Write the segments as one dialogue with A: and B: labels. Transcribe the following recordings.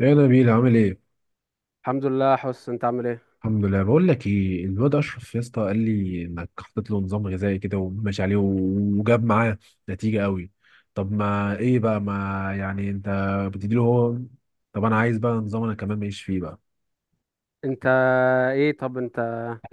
A: يا نبيل عامل ايه؟
B: الحمد لله. حس، انت عامل ايه؟
A: الحمد لله. بقول لك ايه، الواد اشرف يا اسطى قال لي انك حطيت له نظام غذائي كده وماشي عليه وجاب معاه نتيجة قوي. طب ما ايه بقى، ما يعني انت بتديله هو؟ طب انا عايز بقى نظام انا كمان ماشي فيه بقى.
B: انت ايه طب انت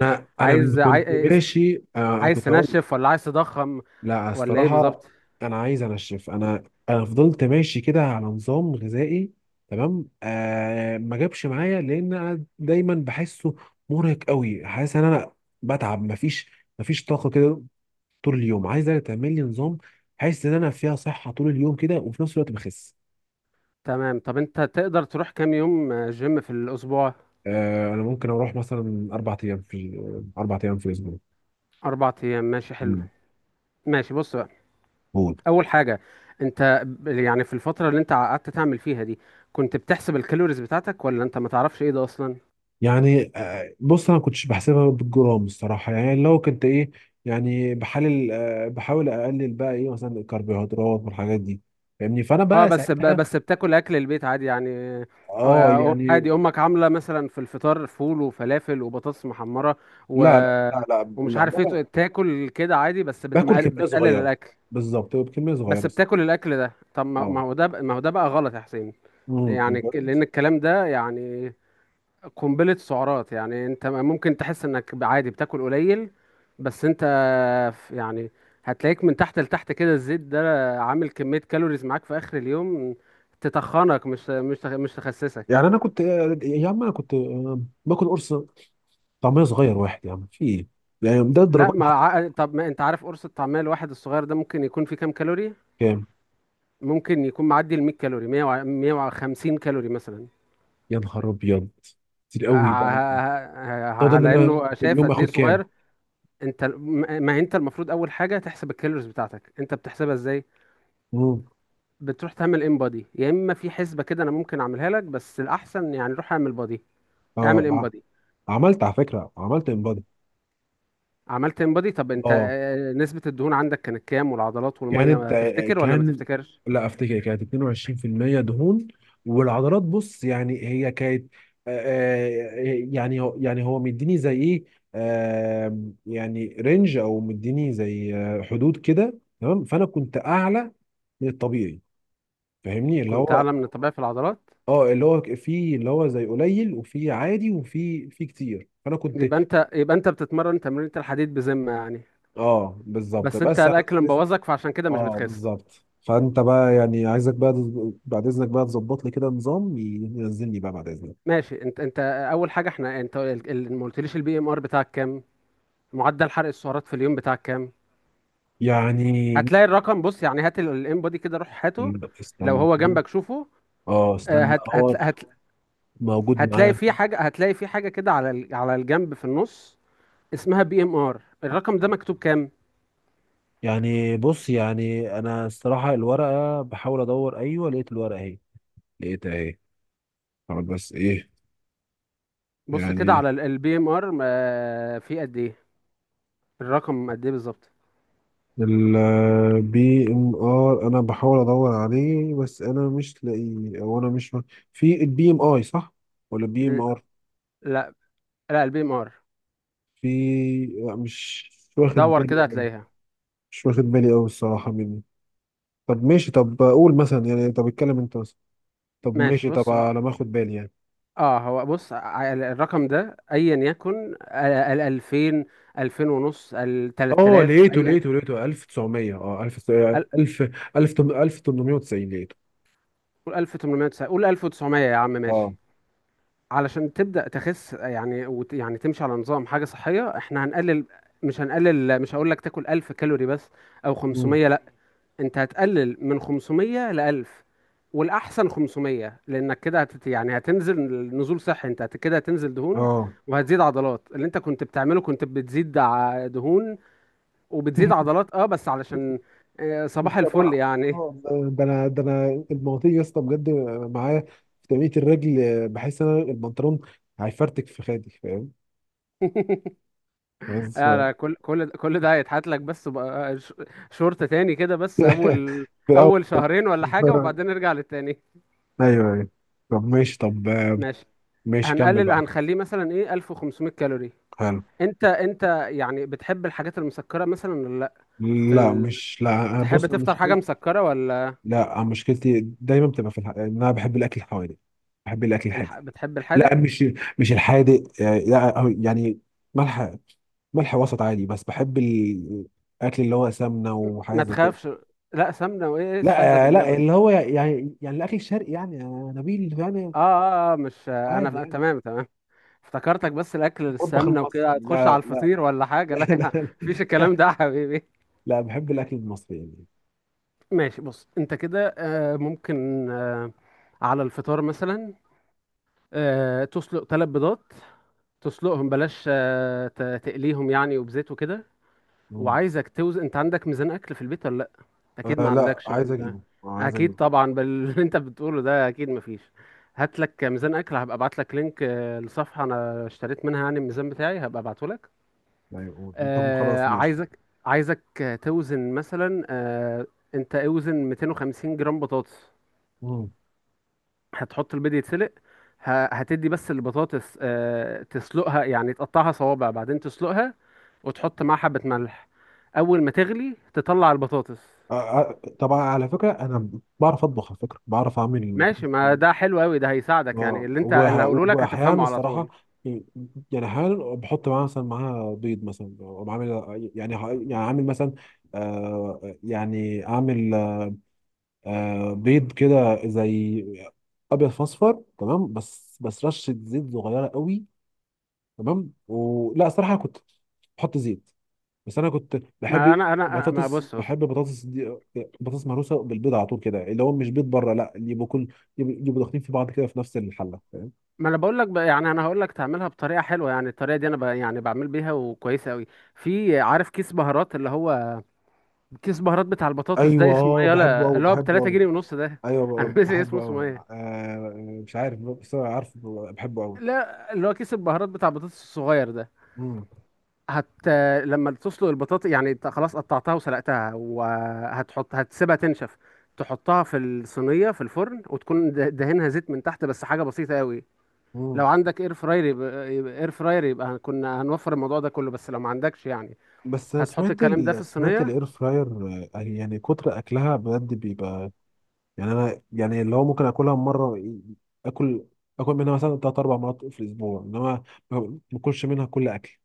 A: انا من
B: عايز
A: كنت
B: عايز
A: ماشي
B: عايز
A: كنت هقول.
B: تنشف ولا عايز تضخم
A: لا،
B: ولا ايه
A: الصراحة
B: بالظبط؟
A: أنا عايز أنشف. أنا فضلت ماشي كده على نظام غذائي تمام. ما جابش معايا لأن أنا دايما بحسه مرهق قوي، حاسس إن أنا بتعب. مفيش طاقة كده طول اليوم. عايزة تعمل لي نظام، حاسس إن أنا فيها صحة طول اليوم كده وفي نفس الوقت بخس.
B: تمام. طب انت تقدر تروح كام يوم جيم في الاسبوع؟
A: أنا ممكن أروح مثلا أربع أيام في أربع أيام في الأسبوع.
B: اربع ايام، ماشي حلو.
A: مم.
B: ماشي، بص بقى.
A: قول.
B: اول حاجه، انت يعني في الفتره اللي انت قعدت تعمل فيها دي كنت بتحسب الكالوريز بتاعتك ولا انت ما تعرفش ايه ده اصلا؟
A: يعني بص انا ما كنتش بحسبها بالجرام الصراحه، يعني لو كنت ايه يعني بحلل، بحاول اقلل بقى ايه مثلا الكربوهيدرات والحاجات دي، فاهمني؟ فانا
B: اه،
A: بقى ساعتها
B: بس بتاكل اكل البيت عادي يعني.
A: اه يعني.
B: عادي، امك عامله مثلا في الفطار فول وفلافل وبطاطس محمره و...
A: لا لا لا لا,
B: ومش
A: لا
B: عارف
A: بابا.
B: ايه، تاكل كده عادي بس
A: باكل كميه
B: بتقلل
A: صغيره،
B: الاكل.
A: بالظبط بكميه صغيره
B: بس بتاكل
A: الصراحه.
B: الاكل ده. طب
A: اه،
B: ما هو ده بقى غلط يا حسين. يعني
A: بجد.
B: لان الكلام ده يعني قنبله سعرات. يعني انت ممكن تحس انك عادي بتاكل قليل، بس انت يعني هتلاقيك من تحت لتحت كده الزيت ده عامل كمية كالوريز معاك في آخر اليوم، تتخنك مش تخسسك.
A: يعني انا كنت، يا عم انا كنت، باكل قرص طعميه صغير واحد يا عم، في ايه يعني ده
B: لا،
A: الدرجات دي؟
B: ما ع- طب ما انت عارف قرص الطعمية الواحد الصغير ده ممكن يكون فيه كام كالوري؟
A: كام؟
B: ممكن يكون معدي ال 100 كالوري، 100 150 كالوري مثلا.
A: يا نهار ابيض، كتير قوي ده. ده ده إن
B: على
A: انا
B: انه
A: في
B: شايف
A: اليوم
B: قد ايه
A: اخد كام؟
B: صغير. انت ال- ما ما انت المفروض اول حاجة تحسب الكالوريز بتاعتك. انت بتحسبها ازاي؟
A: مم.
B: بتروح تعمل ان بادي، يا اما في حسبة كده انا ممكن اعملها لك، بس الاحسن يعني روح اعمل بادي، اعمل
A: اه
B: ان
A: ع-
B: بادي.
A: عملت على فكرة، عملت انبادي.
B: عملت انبادي. طب انت،
A: اه،
B: نسبة الدهون عندك كانت كام، والعضلات
A: كانت،
B: والمية تفتكر ولا ما
A: كان،
B: تفتكرش؟
A: لا افتكر كانت 22% دهون. والعضلات بص يعني هي كانت، آه، يعني هو يعني هو مديني زي ايه، يعني رينج، او مديني زي حدود كده تمام. فانا كنت اعلى من الطبيعي، فاهمني؟ اللي
B: كنت
A: هو
B: اعلى من الطبيعي في العضلات.
A: اه اللي هو في اللي هو زي قليل وفي عادي وفي في كتير، فانا كنت
B: يبقى انت بتتمرن تمرينة الحديد بذمة يعني.
A: اه بالظبط.
B: بس انت
A: بس انا
B: الاكل
A: لسه
B: مبوظك، فعشان كده مش
A: اه
B: بتخس.
A: بالظبط. فانت بقى يعني عايزك بقى بعد اذنك بقى تظبط لي كده نظام ينزلني بقى بعد اذنك.
B: ماشي. انت اول حاجة، احنا انت ما قلتليش البي ام ار بتاعك كام، معدل حرق السعرات في اليوم بتاعك كام.
A: يعني
B: هتلاقي الرقم. بص يعني، هات الانبادي كده، روح هاته. لو
A: استنى
B: هو
A: كده.
B: جنبك شوفه.
A: اه
B: آه،
A: استنى، لا،
B: هت هت
A: هو
B: هت
A: موجود
B: هتلاقي
A: معايا.
B: في حاجة، كده على على الجنب في النص، اسمها بي ام ار. الرقم ده مكتوب كام؟
A: يعني بص يعني انا الصراحه الورقه بحاول ادور، ايوه لقيت الورقه اهي، لقيتها اهي. طب بس ايه
B: بص كده
A: يعني.
B: على البي ام ار في قد ايه. الرقم قد ايه بالظبط؟
A: البي ام ار انا بحاول ادور عليه بس انا مش لاقيه، او انا مش. في البي ام اي صح ولا بي ام
B: ل-
A: ار؟
B: لا، لا، البي ام ار.
A: في لا مش واخد
B: دور
A: بالي
B: كده
A: أوي.
B: هتلاقيها.
A: مش واخد بالي أوي الصراحة مني. طب ماشي، طب قول مثلا يعني، طب اتكلم أنت مثلا، طب
B: ماشي،
A: ماشي، طب على ما أخد بالي يعني.
B: اه، هو بص، الرقم ده ايا يكن ال 2000، 2000 ونص، ال
A: اه
B: 3000
A: لقيته
B: اي،
A: لقيته لقيته 1900 اه 1000
B: ال-
A: 1000 1890 لقيته.
B: قول 1890، قول 1900 يا عم،
A: اه.
B: ماشي. علشان تبدأ تخس، يعني يعني تمشي على نظام حاجة صحية. احنا هنقلل، مش هنقلل، مش هقول لك تاكل 1000 كالوري بس، او
A: مم.
B: 500. انت هتقلل من 500 ل 1000، والاحسن 500 لانك كده يعني هتنزل نزول صحي. انت كده هتنزل دهون
A: اه.
B: وهتزيد عضلات. اللي انت كنت بتعمله كنت بتزيد دهون وبتزيد عضلات، اه، بس علشان صباح الفل يعني.
A: اه ده انا، ده انا المواطير يا اسطى بجد معايا في تنمية الرجل. بحس ان انا البنطلون هيفرتك في خدي، فاهم؟ بس ف-
B: لا، كل ده هيتحط لك، بس بقى شورت تاني كده. بس
A: في
B: اول شهرين ولا حاجة
A: الاول.
B: وبعدين نرجع للتاني.
A: ايوه ايوه، طب ماشي طب
B: ماشي،
A: ماشي كمل
B: هنقلل،
A: بقى.
B: هنخليه مثلا ايه 1500 كالوري.
A: حلو.
B: انت يعني بتحب الحاجات المسكرة مثلا، في
A: لا
B: ال...
A: مش لا.
B: تحب
A: بص أنا
B: تفطر حاجة
A: مشكلتي،
B: مسكرة ولا
A: لا أنا مشكلتي دايما بتبقى في ان انا بحب الاكل الحوادق، بحب الاكل الحادق.
B: بتحب
A: لا
B: الحادق؟
A: مش الحادق، لا، أو يعني ملح، ملح وسط عادي، بس بحب الاكل اللي هو سمنه
B: ما
A: وحاجات زي كده.
B: تخافش، لا، سمنة وايه إيه، استهدى
A: لا
B: بالله
A: لا،
B: بس.
A: اللي هو يعني يعني الاكل الشرقي يعني يا نبيل يعني
B: اه، اه، مش انا
A: عادي يعني
B: تمام، تمام. افتكرتك، بس الاكل
A: المطبخ
B: السمنة
A: المصري
B: وكده
A: يعني.
B: هتخش على
A: لا لا.
B: الفطير ولا حاجة،
A: لا
B: لا.
A: لا,
B: مفيش الكلام
A: لا,
B: ده يا حبيبي.
A: لا بحب الاكل المصري يعني.
B: ماشي، بص انت كده ممكن، على الفطار مثلا تسلق ثلاث بيضات، تسلقهم، بلاش تقليهم يعني وبزيت وكده. وعايزك توزن. انت عندك ميزان اكل في البيت ولا لا؟ اكيد ما
A: آه لا
B: عندكش،
A: عايز
B: ولا
A: اجيبه، آه عايز
B: اكيد
A: اجيبه.
B: طبعا باللي انت بتقوله ده اكيد ما فيش. هات لك ميزان اكل، هبقى ابعت لك لينك لصفحه انا اشتريت منها يعني الميزان بتاعي، هبقى ابعته لك.
A: ايوه طب خلاص ماشي.
B: عايزك، عايزك توزن مثلا، انت اوزن 250 جرام بطاطس.
A: مم.
B: هتحط البيض يتسلق، هتدي بس البطاطس، تسلقها يعني، تقطعها صوابع بعدين تسلقها وتحط معاها حبة ملح. اول ما تغلي تطلع البطاطس.
A: آه طبعا على فكره انا بعرف اطبخ على فكره، بعرف اعمل.
B: ماشي، ما ده حلو قوي، ده هيساعدك يعني، اللي انت اللي هقوله لك
A: واحيانا
B: هتفهمه على
A: الصراحه،
B: طول.
A: يعني احيانا بحط معاها مثلا معاها بيض مثلا، وبعمل يعني يعني عامل مثلا، يعني اعمل بيض كده زي ابيض فاصفر تمام، بس بس رشه زيت صغيره قوي، تمام. ولا صراحه كنت بحط زيت، بس انا كنت بحب
B: ما
A: بطاطس،
B: بص
A: بحب
B: بص،
A: بطاطس دي، بطاطس مهروسه بالبيض على طول كده، اللي هو مش بيض بره، لا اللي يبقوا كل يبقوا يبقوا داخلين في بعض كده في نفس الحله، فاهم؟
B: ما انا بقول لك بقى يعني، انا هقول لك تعملها بطريقه حلوه، يعني الطريقه دي انا يعني بعمل بيها وكويسه قوي. في، عارف كيس بهارات، اللي هو كيس بهارات بتاع البطاطس ده اسمه
A: ايوه
B: ايه
A: بحبه
B: يلا،
A: قوي
B: اللي هو ب
A: بحبه
B: 3
A: قوي.
B: جنيه ونص ده،
A: ايوه
B: انا ناسي
A: بحبه
B: اسمه اسمه
A: قوي،
B: ايه؟
A: مش عارف بس أنا عارف بحبه قوي.
B: لا، اللي هو كيس البهارات بتاع البطاطس الصغير ده.
A: امم
B: هت لما تسلق البطاطا يعني، انت خلاص قطعتها وسلقتها، هتسيبها تنشف. تحطها في الصينية في الفرن، وتكون دهنها زيت من تحت، بس حاجة بسيطة قوي.
A: امم
B: لو عندك اير فراير يبقى اير فراير، يبقى كنا هنوفر الموضوع ده كله، بس لو ما عندكش يعني،
A: بس
B: هتحط
A: سمعت
B: الكلام ده في
A: سمعت
B: الصينية.
A: الاير فراير. يعني كتر اكلها بجد بيبقى، يعني انا يعني اللي هو ممكن اكلها مره، اكل اكل منها مثلا ثلاث اربع مرات في الاسبوع انما ما باكلش منها كل اكل.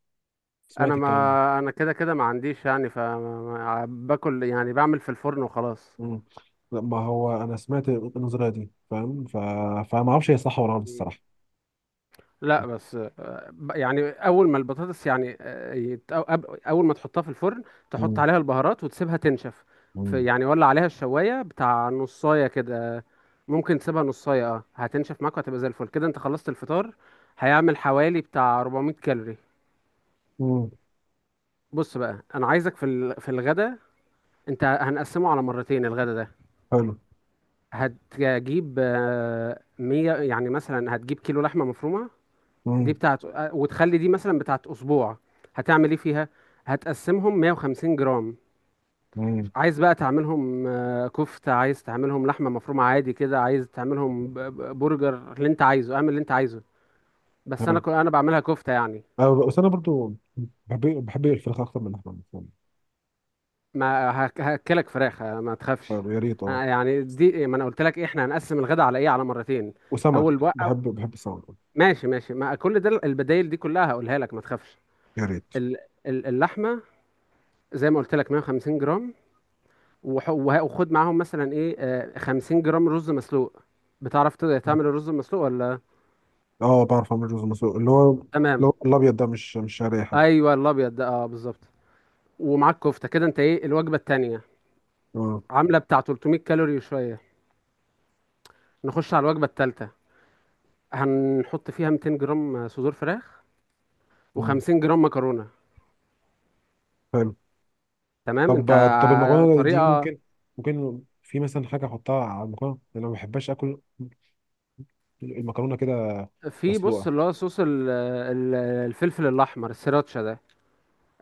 A: سمعت الكلام ده.
B: ما انا كده كده ما عنديش يعني، فباكل يعني بعمل في الفرن وخلاص.
A: مم. لا ما هو انا سمعت النظريه دي فاهم فما اعرفش هي صح ولا غلط الصراحه.
B: لا، بس يعني اول ما البطاطس يعني اول ما تحطها في الفرن تحط
A: مم.
B: عليها البهارات وتسيبها تنشف. في
A: مم.
B: يعني ولا عليها الشوايه بتاع نصايه كده، ممكن تسيبها نصايه، اه هتنشف معاك وهتبقى زي الفل كده. انت خلصت الفطار، هيعمل حوالي بتاع 400 كالوري.
A: مم.
B: بص بقى، انا عايزك في الغدا. انت هنقسمه على مرتين، الغدا ده.
A: حلو.
B: هتجيب، 100 يعني مثلا، هتجيب كيلو لحمه مفرومه، دي
A: مم.
B: بتاعت، وتخلي دي مثلا بتاعت اسبوع. هتعمل ايه فيها؟ هتقسمهم 150 جرام.
A: مم.
B: عايز بقى تعملهم كفتة، عايز تعملهم لحمة مفرومة عادي كده، عايز تعملهم برجر، اللي انت عايزه اعمل اللي انت عايزه. بس
A: حلو.
B: انا بعملها كفتة يعني.
A: أه بس انا برضو بحب بحب الفراخ اكتر من اللحمه المفرومه.
B: ما هك- هاكلك فراخ، ما تخافش.
A: حلو يا ريت اه.
B: يعني دي ما انا قلت لك إيه، احنا هنقسم الغداء على ايه، على مرتين. اول
A: وسمك،
B: بقى،
A: بحب بحب السمك.
B: ماشي ماشي، ما كل ده البدايل دي كلها هقولها لك ما تخافش.
A: يا ريت.
B: ال- اللحمة زي ما قلت لك 150 جرام. وخد معاهم مثلا ايه 50 جرام رز مسلوق. بتعرف تعمل الرز المسلوق ولا؟
A: اه بعرف اعمل رز مسلوق، اللي هو اللي
B: تمام.
A: هو الابيض ده، مش مش شعريه حتى.
B: ايوه الابيض ده، اه بالظبط. ومعاك كفته كده. انت ايه، الوجبه التانية
A: اه.
B: عامله بتاع 300 كالوري وشويه. نخش على الوجبه التالتة، هنحط فيها 200 جرام صدور فراخ
A: آه.
B: و50 جرام مكرونه.
A: حلو.
B: تمام.
A: طب طب المكرونه دي
B: طريقه،
A: ممكن، ممكن في مثلا حاجه احطها على المكرونه، انا ما بحبش اكل المكرونه كده
B: في بص
A: مسلوقه.
B: اللي هو صوص الفلفل الاحمر السيراتشا ده،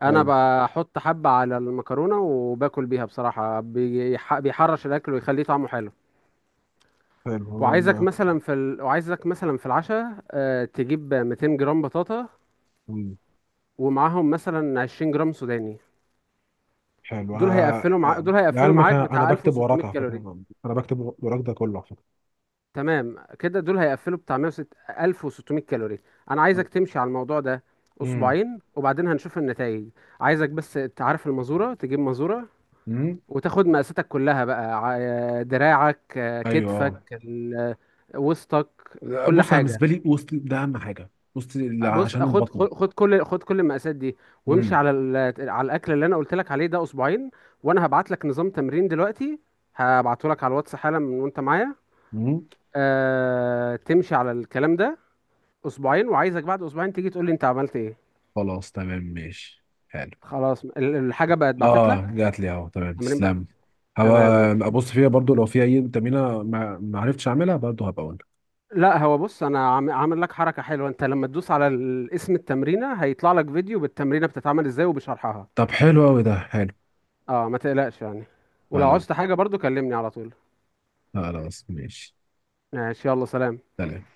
B: انا
A: ايوه.
B: بحط حبة على المكرونة وباكل بيها بصراحة، بيحرش الاكل ويخليه طعمه حلو.
A: حلو والله.
B: وعايزك مثلا في العشاء تجيب 200 جرام بطاطا،
A: مم.
B: ومعاهم مثلا 20 جرام سوداني.
A: حلو.
B: دول هيقفلوا
A: لعلمك
B: معاك
A: انا، أنا
B: بتاع
A: بكتب وراك
B: 1600
A: على
B: كالوري.
A: فكره، انا بكتب وراك ده كله على فكره.
B: تمام كده، دول هيقفلوا بتاع 106 1600 كالوري. انا عايزك تمشي على الموضوع ده
A: امم
B: اسبوعين، وبعدين هنشوف النتائج. عايزك بس تعرف المزورة، تجيب مزورة،
A: امم
B: وتاخد مقاساتك كلها بقى، دراعك،
A: ايوه
B: كتفك،
A: اه.
B: وسطك،
A: لا،
B: كل
A: بص انا
B: حاجة.
A: بالنسبه لي وسط ده اهم حاجه، وسط
B: بص،
A: عشان
B: خد
A: البطن.
B: خد خد، كل المقاسات دي، وامشي
A: امم
B: على على الاكل اللي انا قلت لك عليه ده اسبوعين، وانا هبعت لك نظام تمرين دلوقتي، هبعته لك على الواتس حالا من وانت معايا.
A: امم
B: أه، تمشي على الكلام ده اسبوعين، وعايزك بعد اسبوعين تيجي تقول لي انت عملت ايه.
A: خلاص تمام ماشي حلو.
B: خلاص، الحاجة بقت بعتت
A: اه
B: لك،
A: جات لي اهو، تمام
B: تمرين بقى.
A: تسلم. هبقى
B: تمام.
A: ابص فيها برضو، لو في اي تمرينه ما عرفتش اعملها برضو هبقى اقول.
B: لا، هو بص انا عامل لك حركه حلوه. انت لما تدوس على اسم التمرينه هيطلع لك فيديو بالتمرينه بتتعمل ازاي وبشرحها.
A: طب حلو قوي، ده حلو.
B: اه، ما تقلقش يعني، ولو
A: خلاص.
B: عوزت حاجه برضو كلمني على طول.
A: خلاص ماشي.
B: ماشي، يلا سلام.
A: سلام.